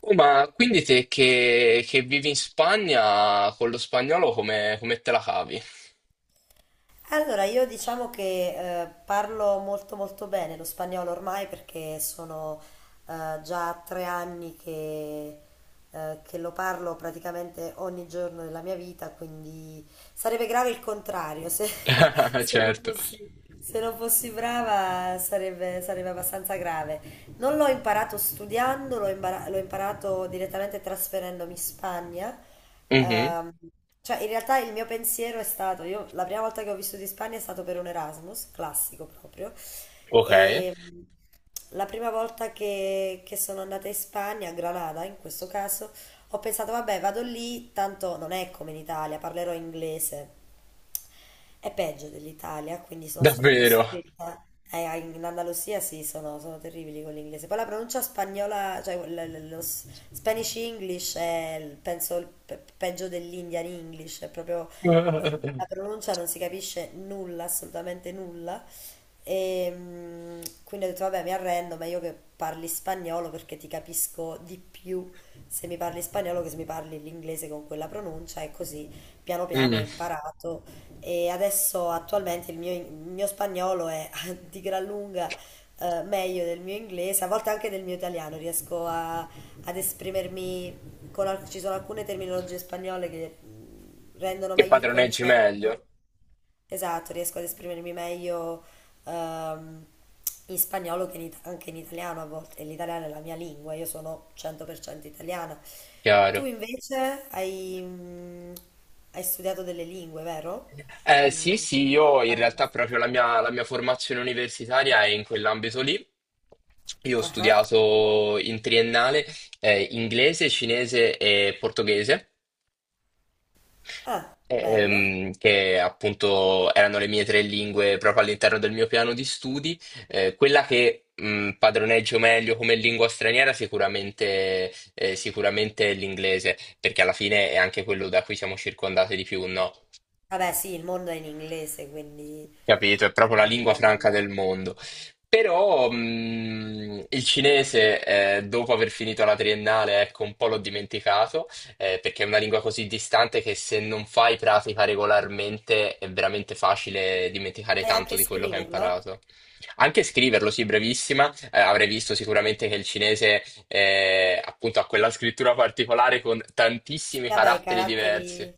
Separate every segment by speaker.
Speaker 1: Oh, ma quindi te che vivi in Spagna con lo spagnolo come te la cavi?
Speaker 2: Allora, io diciamo che parlo molto molto bene lo spagnolo ormai perché sono già 3 anni che lo parlo praticamente ogni giorno della mia vita, quindi sarebbe grave il contrario, se, se non
Speaker 1: Certo.
Speaker 2: fossi, se non fossi brava, sarebbe abbastanza grave. Non l'ho imparato studiando, l'ho imparato direttamente trasferendomi in Spagna.
Speaker 1: Mhm.
Speaker 2: Ehm, cioè, in realtà il mio pensiero è stato, io la prima volta che ho vissuto in Spagna è stato per un Erasmus, classico proprio,
Speaker 1: Ok,
Speaker 2: e la prima volta che sono andata in Spagna, a Granada in questo caso, ho pensato, vabbè, vado lì, tanto non è come in Italia, parlerò inglese. È peggio dell'Italia, quindi sono stata
Speaker 1: davvero.
Speaker 2: costretta. In Andalusia sì, sono terribili con l'inglese. Poi la pronuncia spagnola, cioè Spanish English è, penso, peggio dell'Indian English, è proprio la pronuncia, non si capisce nulla, assolutamente nulla. E quindi ho detto, vabbè, mi arrendo, meglio che parli spagnolo, perché ti capisco di più se mi parli spagnolo che se mi parli l'inglese con quella pronuncia, e così piano piano ho
Speaker 1: Mm.
Speaker 2: imparato. E adesso attualmente il mio spagnolo è di gran lunga meglio del mio inglese, a volte anche del mio italiano, ad esprimermi con ci sono alcune terminologie spagnole che rendono
Speaker 1: Che
Speaker 2: meglio il
Speaker 1: padroneggi meglio.
Speaker 2: concetto. Esatto, riesco ad esprimermi meglio ehm, in spagnolo che in anche in italiano a volte. E l'italiano è la mia lingua, io sono 100% italiana. Tu
Speaker 1: Chiaro.
Speaker 2: invece hai, hai studiato delle lingue, vero?
Speaker 1: Sì,
Speaker 2: Mm,
Speaker 1: sì, io in
Speaker 2: Parli
Speaker 1: realtà
Speaker 2: abbastanza
Speaker 1: proprio la
Speaker 2: bene.
Speaker 1: mia, la mia formazione universitaria è in quell'ambito lì. Io ho
Speaker 2: Ah, ah,
Speaker 1: studiato in triennale inglese, cinese e portoghese.
Speaker 2: ah, bello.
Speaker 1: Che appunto erano le mie tre lingue proprio all'interno del mio piano di studi. Quella che padroneggio meglio come lingua straniera sicuramente, sicuramente è l'inglese, perché alla fine è anche quello da cui siamo circondati di più, no?
Speaker 2: Vabbè, sì, il mondo è in inglese, quindi,
Speaker 1: Capito, è proprio la
Speaker 2: quindi
Speaker 1: lingua
Speaker 2: è
Speaker 1: franca del
Speaker 2: normale.
Speaker 1: mondo. Però il cinese, dopo aver finito la triennale, ecco, un po' l'ho dimenticato, perché è una lingua così distante che se non fai pratica regolarmente è veramente facile dimenticare
Speaker 2: Sai
Speaker 1: tanto
Speaker 2: anche
Speaker 1: di quello che hai
Speaker 2: scriverlo?
Speaker 1: imparato. Anche scriverlo, sì, brevissima, avrei visto sicuramente che il cinese, appunto, ha quella scrittura particolare con
Speaker 2: Sì,
Speaker 1: tantissimi
Speaker 2: vabbè, i
Speaker 1: caratteri diversi.
Speaker 2: caratteri.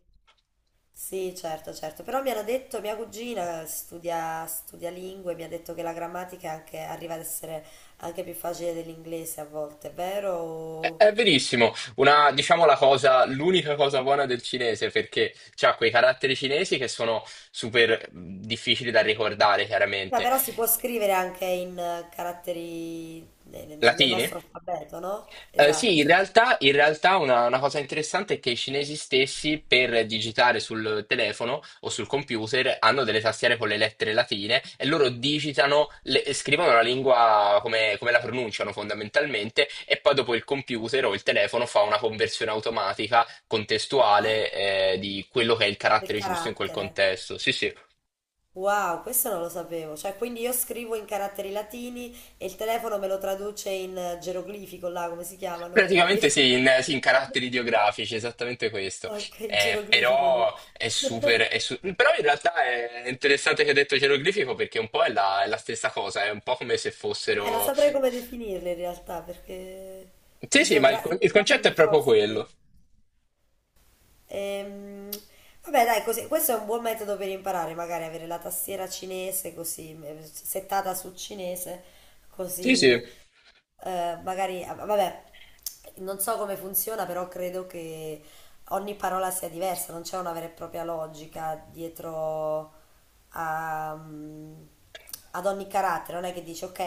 Speaker 2: Sì, certo, certo, però mi hanno detto, mia cugina studia lingue, mi ha detto che la grammatica arriva ad essere anche più facile dell'inglese a volte, è vero?
Speaker 1: È verissimo, una, diciamo la cosa, l'unica cosa buona del cinese perché ha quei caratteri cinesi che sono super difficili da ricordare
Speaker 2: Ma
Speaker 1: chiaramente,
Speaker 2: però si può scrivere anche in caratteri, nel
Speaker 1: latini.
Speaker 2: nostro alfabeto, no?
Speaker 1: Sì, in
Speaker 2: Esatto.
Speaker 1: realtà, in realtà una cosa interessante è che i cinesi stessi per digitare sul telefono o sul computer hanno delle tastiere con le lettere latine e loro digitano, scrivono la lingua come la pronunciano fondamentalmente e poi dopo il computer o il telefono fa una conversione automatica,
Speaker 2: Ah,
Speaker 1: contestuale, di quello che è il
Speaker 2: del
Speaker 1: carattere giusto in quel
Speaker 2: carattere.
Speaker 1: contesto. Sì, sì.
Speaker 2: Wow, questo non lo sapevo, cioè quindi io scrivo in caratteri latini e il telefono me lo traduce in geroglifico, là come si chiamano
Speaker 1: Praticamente
Speaker 2: i.
Speaker 1: sì, sì, in caratteri ideografici, esattamente questo.
Speaker 2: Ok, geroglifico di.
Speaker 1: Però è super. È su- Però in realtà è interessante che hai detto geroglifico perché un po' è è la stessa cosa, è un po' come se
Speaker 2: Non
Speaker 1: fossero.
Speaker 2: saprei come definirle in realtà, perché
Speaker 1: Sì, sì, ma il concetto è
Speaker 2: ideogrammi
Speaker 1: proprio
Speaker 2: forse.
Speaker 1: quello.
Speaker 2: Ehm, Vabbè, dai, così, questo è un buon metodo per imparare, magari avere la tastiera cinese così, settata su cinese,
Speaker 1: Sì, sì.
Speaker 2: così magari, ah, vabbè, non so come funziona, però credo che ogni parola sia diversa, non c'è una vera e propria logica dietro a, mm, ad ogni carattere. Non è che dici ok,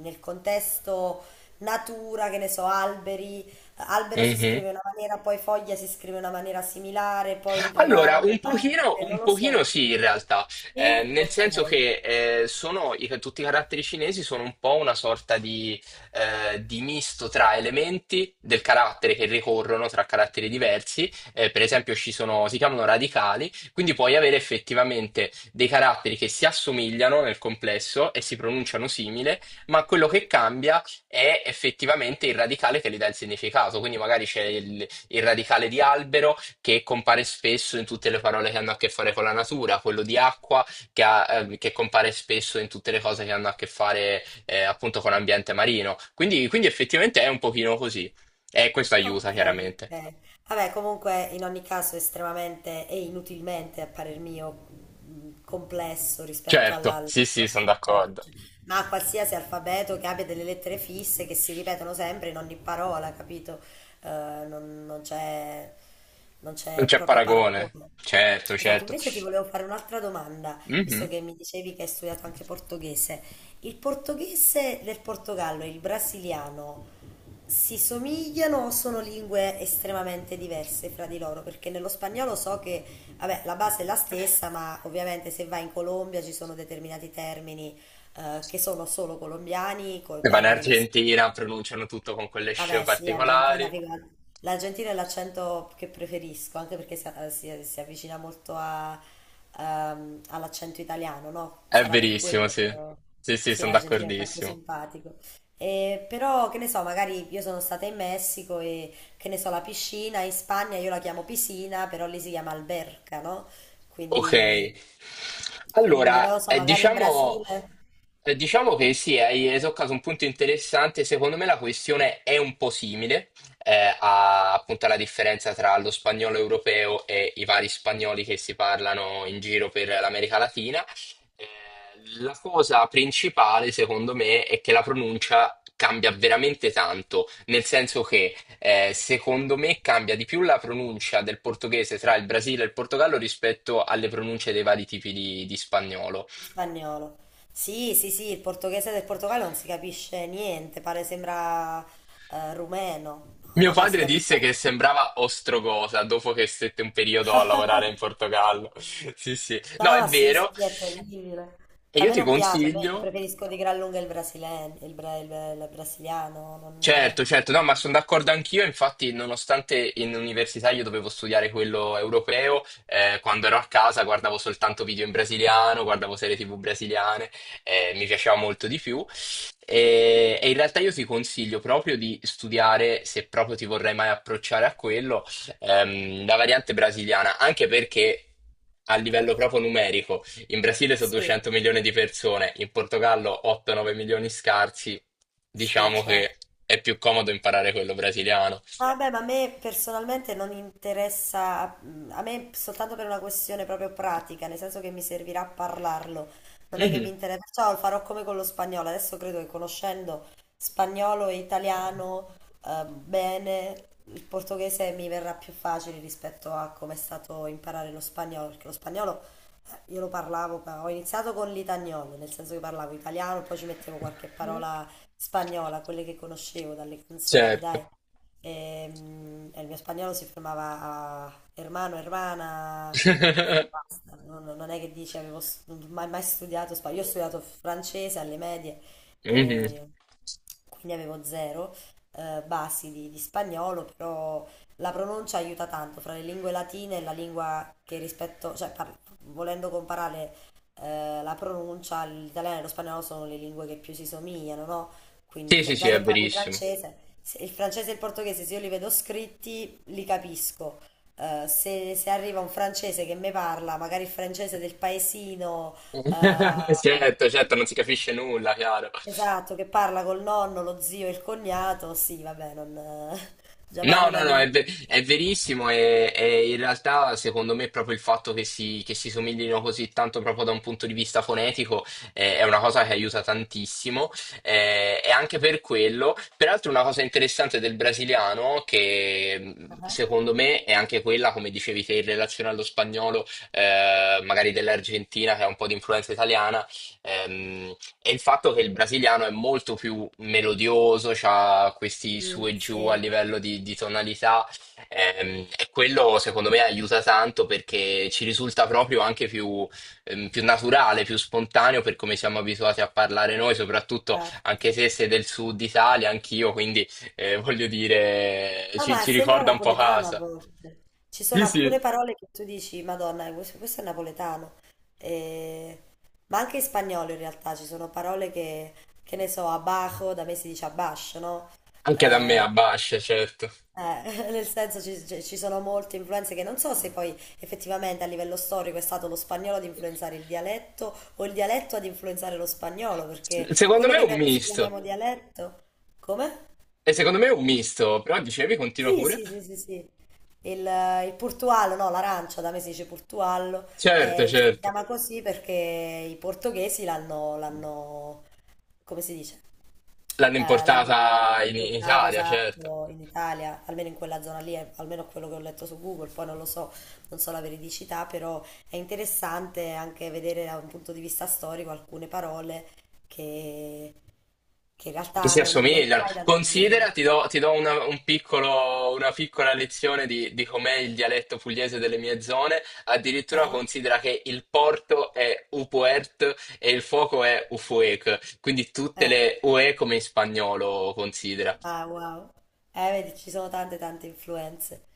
Speaker 2: nel contesto natura, che ne so, alberi, albero si scrive
Speaker 1: Mhm.
Speaker 2: in una maniera, poi foglia si scrive in una maniera similare, poi il
Speaker 1: Allora, un
Speaker 2: ramo
Speaker 1: pochino,
Speaker 2: anche,
Speaker 1: un
Speaker 2: non lo
Speaker 1: pochino
Speaker 2: so.
Speaker 1: sì, in realtà.
Speaker 2: Sì?
Speaker 1: Nel
Speaker 2: Ok.
Speaker 1: senso che tutti i caratteri cinesi sono un po' una sorta di misto tra elementi del carattere che ricorrono tra caratteri diversi. Per esempio ci sono, si chiamano radicali, quindi puoi avere effettivamente dei caratteri che si assomigliano nel complesso e si pronunciano simile, ma quello che cambia è effettivamente il radicale che gli dà il significato, quindi magari c'è il radicale di albero che compare spesso in tutte le parole che hanno a che fare con la natura, quello di acqua che, ha, che compare spesso in tutte le cose che hanno a che fare appunto con l'ambiente marino. Quindi effettivamente è un pochino così. E questo aiuta
Speaker 2: Ok,
Speaker 1: chiaramente.
Speaker 2: ok. Vabbè, comunque in ogni caso estremamente e inutilmente, a parer mio, complesso rispetto
Speaker 1: Certo, sì, sì, sono
Speaker 2: all'alfabeto, cioè,
Speaker 1: d'accordo.
Speaker 2: ma a qualsiasi alfabeto che abbia delle lettere fisse che si ripetono sempre in ogni parola, capito? Eh, non, non c'è non
Speaker 1: Non
Speaker 2: c'è
Speaker 1: c'è
Speaker 2: proprio
Speaker 1: paragone.
Speaker 2: paragone.
Speaker 1: Certo,
Speaker 2: Esatto,
Speaker 1: certo.
Speaker 2: invece ti volevo fare un'altra domanda, visto
Speaker 1: Mhm.
Speaker 2: che mi dicevi che hai studiato anche portoghese. Il portoghese del Portogallo e il brasiliano si somigliano o sono lingue estremamente diverse fra di loro? Perché nello spagnolo so che, vabbè, la base è la stessa, ma ovviamente se vai in Colombia ci sono determinati termini che sono solo colombiani, con
Speaker 1: Se vanno in
Speaker 2: termini messicani.
Speaker 1: Argentina, pronunciano tutto con quelle sce
Speaker 2: Vabbè, sì, Argentina,
Speaker 1: particolari.
Speaker 2: figata. L'Argentina è l'accento che preferisco, anche perché si avvicina molto all'accento italiano, no?
Speaker 1: È
Speaker 2: Sarà per
Speaker 1: verissimo,
Speaker 2: quello,
Speaker 1: sì.
Speaker 2: però.
Speaker 1: Sì, sì,
Speaker 2: Sì,
Speaker 1: sono
Speaker 2: l'Argentina è troppo
Speaker 1: d'accordissimo.
Speaker 2: simpatico. E però, che ne so, magari io sono stata in Messico e, che ne so, la piscina, in Spagna io la chiamo piscina, però lì si chiama alberca, no?
Speaker 1: Ok,
Speaker 2: Quindi, quindi non lo
Speaker 1: allora
Speaker 2: so, magari in
Speaker 1: diciamo.
Speaker 2: Brasile.
Speaker 1: Diciamo che sì, hai toccato un punto interessante. Secondo me la questione è un po' simile appunto alla differenza tra lo spagnolo europeo e i vari spagnoli che si parlano in giro per l'America Latina. Eh, la cosa principale, secondo me, è che la pronuncia cambia veramente tanto, nel senso che secondo me cambia di più la pronuncia del portoghese tra il Brasile e il Portogallo rispetto alle pronunce dei vari tipi di spagnolo.
Speaker 2: In spagnolo. Sì, sì, sì, il portoghese del Portogallo non si capisce niente, pare sembra rumeno. No,
Speaker 1: Mio
Speaker 2: no, no, si
Speaker 1: padre
Speaker 2: capisce.
Speaker 1: disse che sembrava Ostrogosa dopo che stette un periodo a lavorare in Portogallo. Sì, sì. No, è
Speaker 2: No, sì, sì,
Speaker 1: vero.
Speaker 2: sì, è terribile.
Speaker 1: E
Speaker 2: A
Speaker 1: io
Speaker 2: me
Speaker 1: ti
Speaker 2: non piace, a me
Speaker 1: consiglio.
Speaker 2: preferisco di gran lunga il brasiliano, il brasiliano, non.
Speaker 1: Certo, certo, no, ma sono d'accordo anch'io, infatti nonostante in università io dovevo studiare quello europeo, quando ero a casa guardavo soltanto video in brasiliano, guardavo serie TV brasiliane, mi piaceva molto di più e in realtà io ti consiglio proprio di studiare, se proprio ti vorrai mai approcciare a quello, la variante brasiliana, anche perché a livello proprio numerico in Brasile sono
Speaker 2: Sì,
Speaker 1: 200 milioni di persone, in Portogallo 8-9 milioni scarsi.
Speaker 2: sì,
Speaker 1: Diciamo
Speaker 2: certo.
Speaker 1: che è più comodo imparare quello brasiliano.
Speaker 2: Ah, vabbè, ma a me personalmente non interessa, a me soltanto per una questione proprio pratica, nel senso che mi servirà a parlarlo, non è che vi
Speaker 1: Mhm.
Speaker 2: interessa, perciò lo farò come con lo spagnolo. Adesso credo che, conoscendo spagnolo e italiano bene, il portoghese mi verrà più facile rispetto a come è stato imparare lo spagnolo, perché lo spagnolo io lo parlavo, ma ho iniziato con l'itagnolo, nel senso che parlavo italiano, poi ci mettevo qualche parola spagnola, quelle che conoscevo dalle canzoni,
Speaker 1: Certo.
Speaker 2: dai. E, il mio spagnolo si fermava a hermano, hermana, e basta. Non è che dici, avevo non ho mai, mai studiato spagnolo. Io ho studiato francese alle medie,
Speaker 1: Mhm.
Speaker 2: e quindi avevo zero basi di spagnolo, però la pronuncia aiuta tanto fra le lingue latine e la lingua che rispetto, cioè volendo comparare la pronuncia, l'italiano e lo spagnolo sono le lingue che più si somigliano, no?
Speaker 1: Sì,
Speaker 2: Quindi già,
Speaker 1: sì, sì,
Speaker 2: già che
Speaker 1: è
Speaker 2: parli
Speaker 1: verissimo.
Speaker 2: francese, se il francese e il portoghese, se io li vedo scritti li capisco. Se arriva un francese che mi parla, magari il francese del paesino, eh,
Speaker 1: Certo, certo, non si capisce nulla, chiaro.
Speaker 2: esatto, che parla col nonno, lo zio e il cognato, sì, vabbè, non, già parli
Speaker 1: No,
Speaker 2: una
Speaker 1: no, no,
Speaker 2: lingua.
Speaker 1: è verissimo e in realtà secondo me proprio il fatto che che si somiglino così tanto proprio da un punto di vista fonetico è una cosa che aiuta tantissimo, e anche per quello, peraltro una cosa interessante del brasiliano che
Speaker 2: Ah,
Speaker 1: secondo me è anche quella, come dicevi te, in relazione allo spagnolo, magari dell'Argentina che ha un po' di influenza italiana, ehm, e il fatto che il brasiliano è molto più melodioso, ha questi
Speaker 2: mm,
Speaker 1: su e giù a
Speaker 2: sì,
Speaker 1: livello di tonalità, e quello secondo me aiuta tanto perché ci risulta proprio anche più, più naturale, più spontaneo per come siamo abituati a parlare noi, soprattutto
Speaker 2: certo.
Speaker 1: anche se sei del sud Italia, anch'io, quindi voglio dire,
Speaker 2: No, ma
Speaker 1: ci
Speaker 2: sembra
Speaker 1: ricorda un po'
Speaker 2: napoletano a
Speaker 1: casa.
Speaker 2: volte. Ci sono alcune parole che tu dici, Madonna, questo è napoletano. E- Ma anche in spagnolo in realtà ci sono parole che ne so, abajo, da me si dice abash, no?
Speaker 1: Anche da me
Speaker 2: Eh,
Speaker 1: a Bascia, certo.
Speaker 2: nel senso ci sono molte influenze che non so se poi effettivamente a livello storico è stato lo spagnolo ad influenzare il dialetto o il dialetto ad influenzare lo spagnolo, perché
Speaker 1: Secondo
Speaker 2: quello
Speaker 1: me
Speaker 2: che
Speaker 1: è un
Speaker 2: noi adesso
Speaker 1: misto,
Speaker 2: chiamiamo dialetto, come?
Speaker 1: e secondo me è un misto, però dicevi, continua
Speaker 2: Sì,
Speaker 1: pure.
Speaker 2: sì, sì, sì, sì. Il portuallo, no, l'arancia, da me si dice portuallo,
Speaker 1: Certo,
Speaker 2: si
Speaker 1: certo.
Speaker 2: chiama così perché i portoghesi l'hanno, come si dice?
Speaker 1: L'hanno
Speaker 2: L'hanno
Speaker 1: importata in
Speaker 2: importato,
Speaker 1: Italia, certo.
Speaker 2: esatto, in Italia, almeno in quella zona lì, almeno quello che ho letto su Google, poi non lo so, non so la veridicità, però è interessante anche vedere da un punto di vista storico alcune parole che, che in
Speaker 1: Che
Speaker 2: realtà
Speaker 1: si
Speaker 2: non
Speaker 1: assomigliano.
Speaker 2: sai da dove vengono.
Speaker 1: Considera, ti do una, una piccola lezione di com'è il dialetto pugliese delle mie zone. Addirittura
Speaker 2: Ah,
Speaker 1: considera che il porto è upuert e il fuoco è ufuec. Quindi tutte
Speaker 2: eh.
Speaker 1: le ue come in spagnolo, considera.
Speaker 2: Ah, wow. Vedi, ci sono tante tante influenze.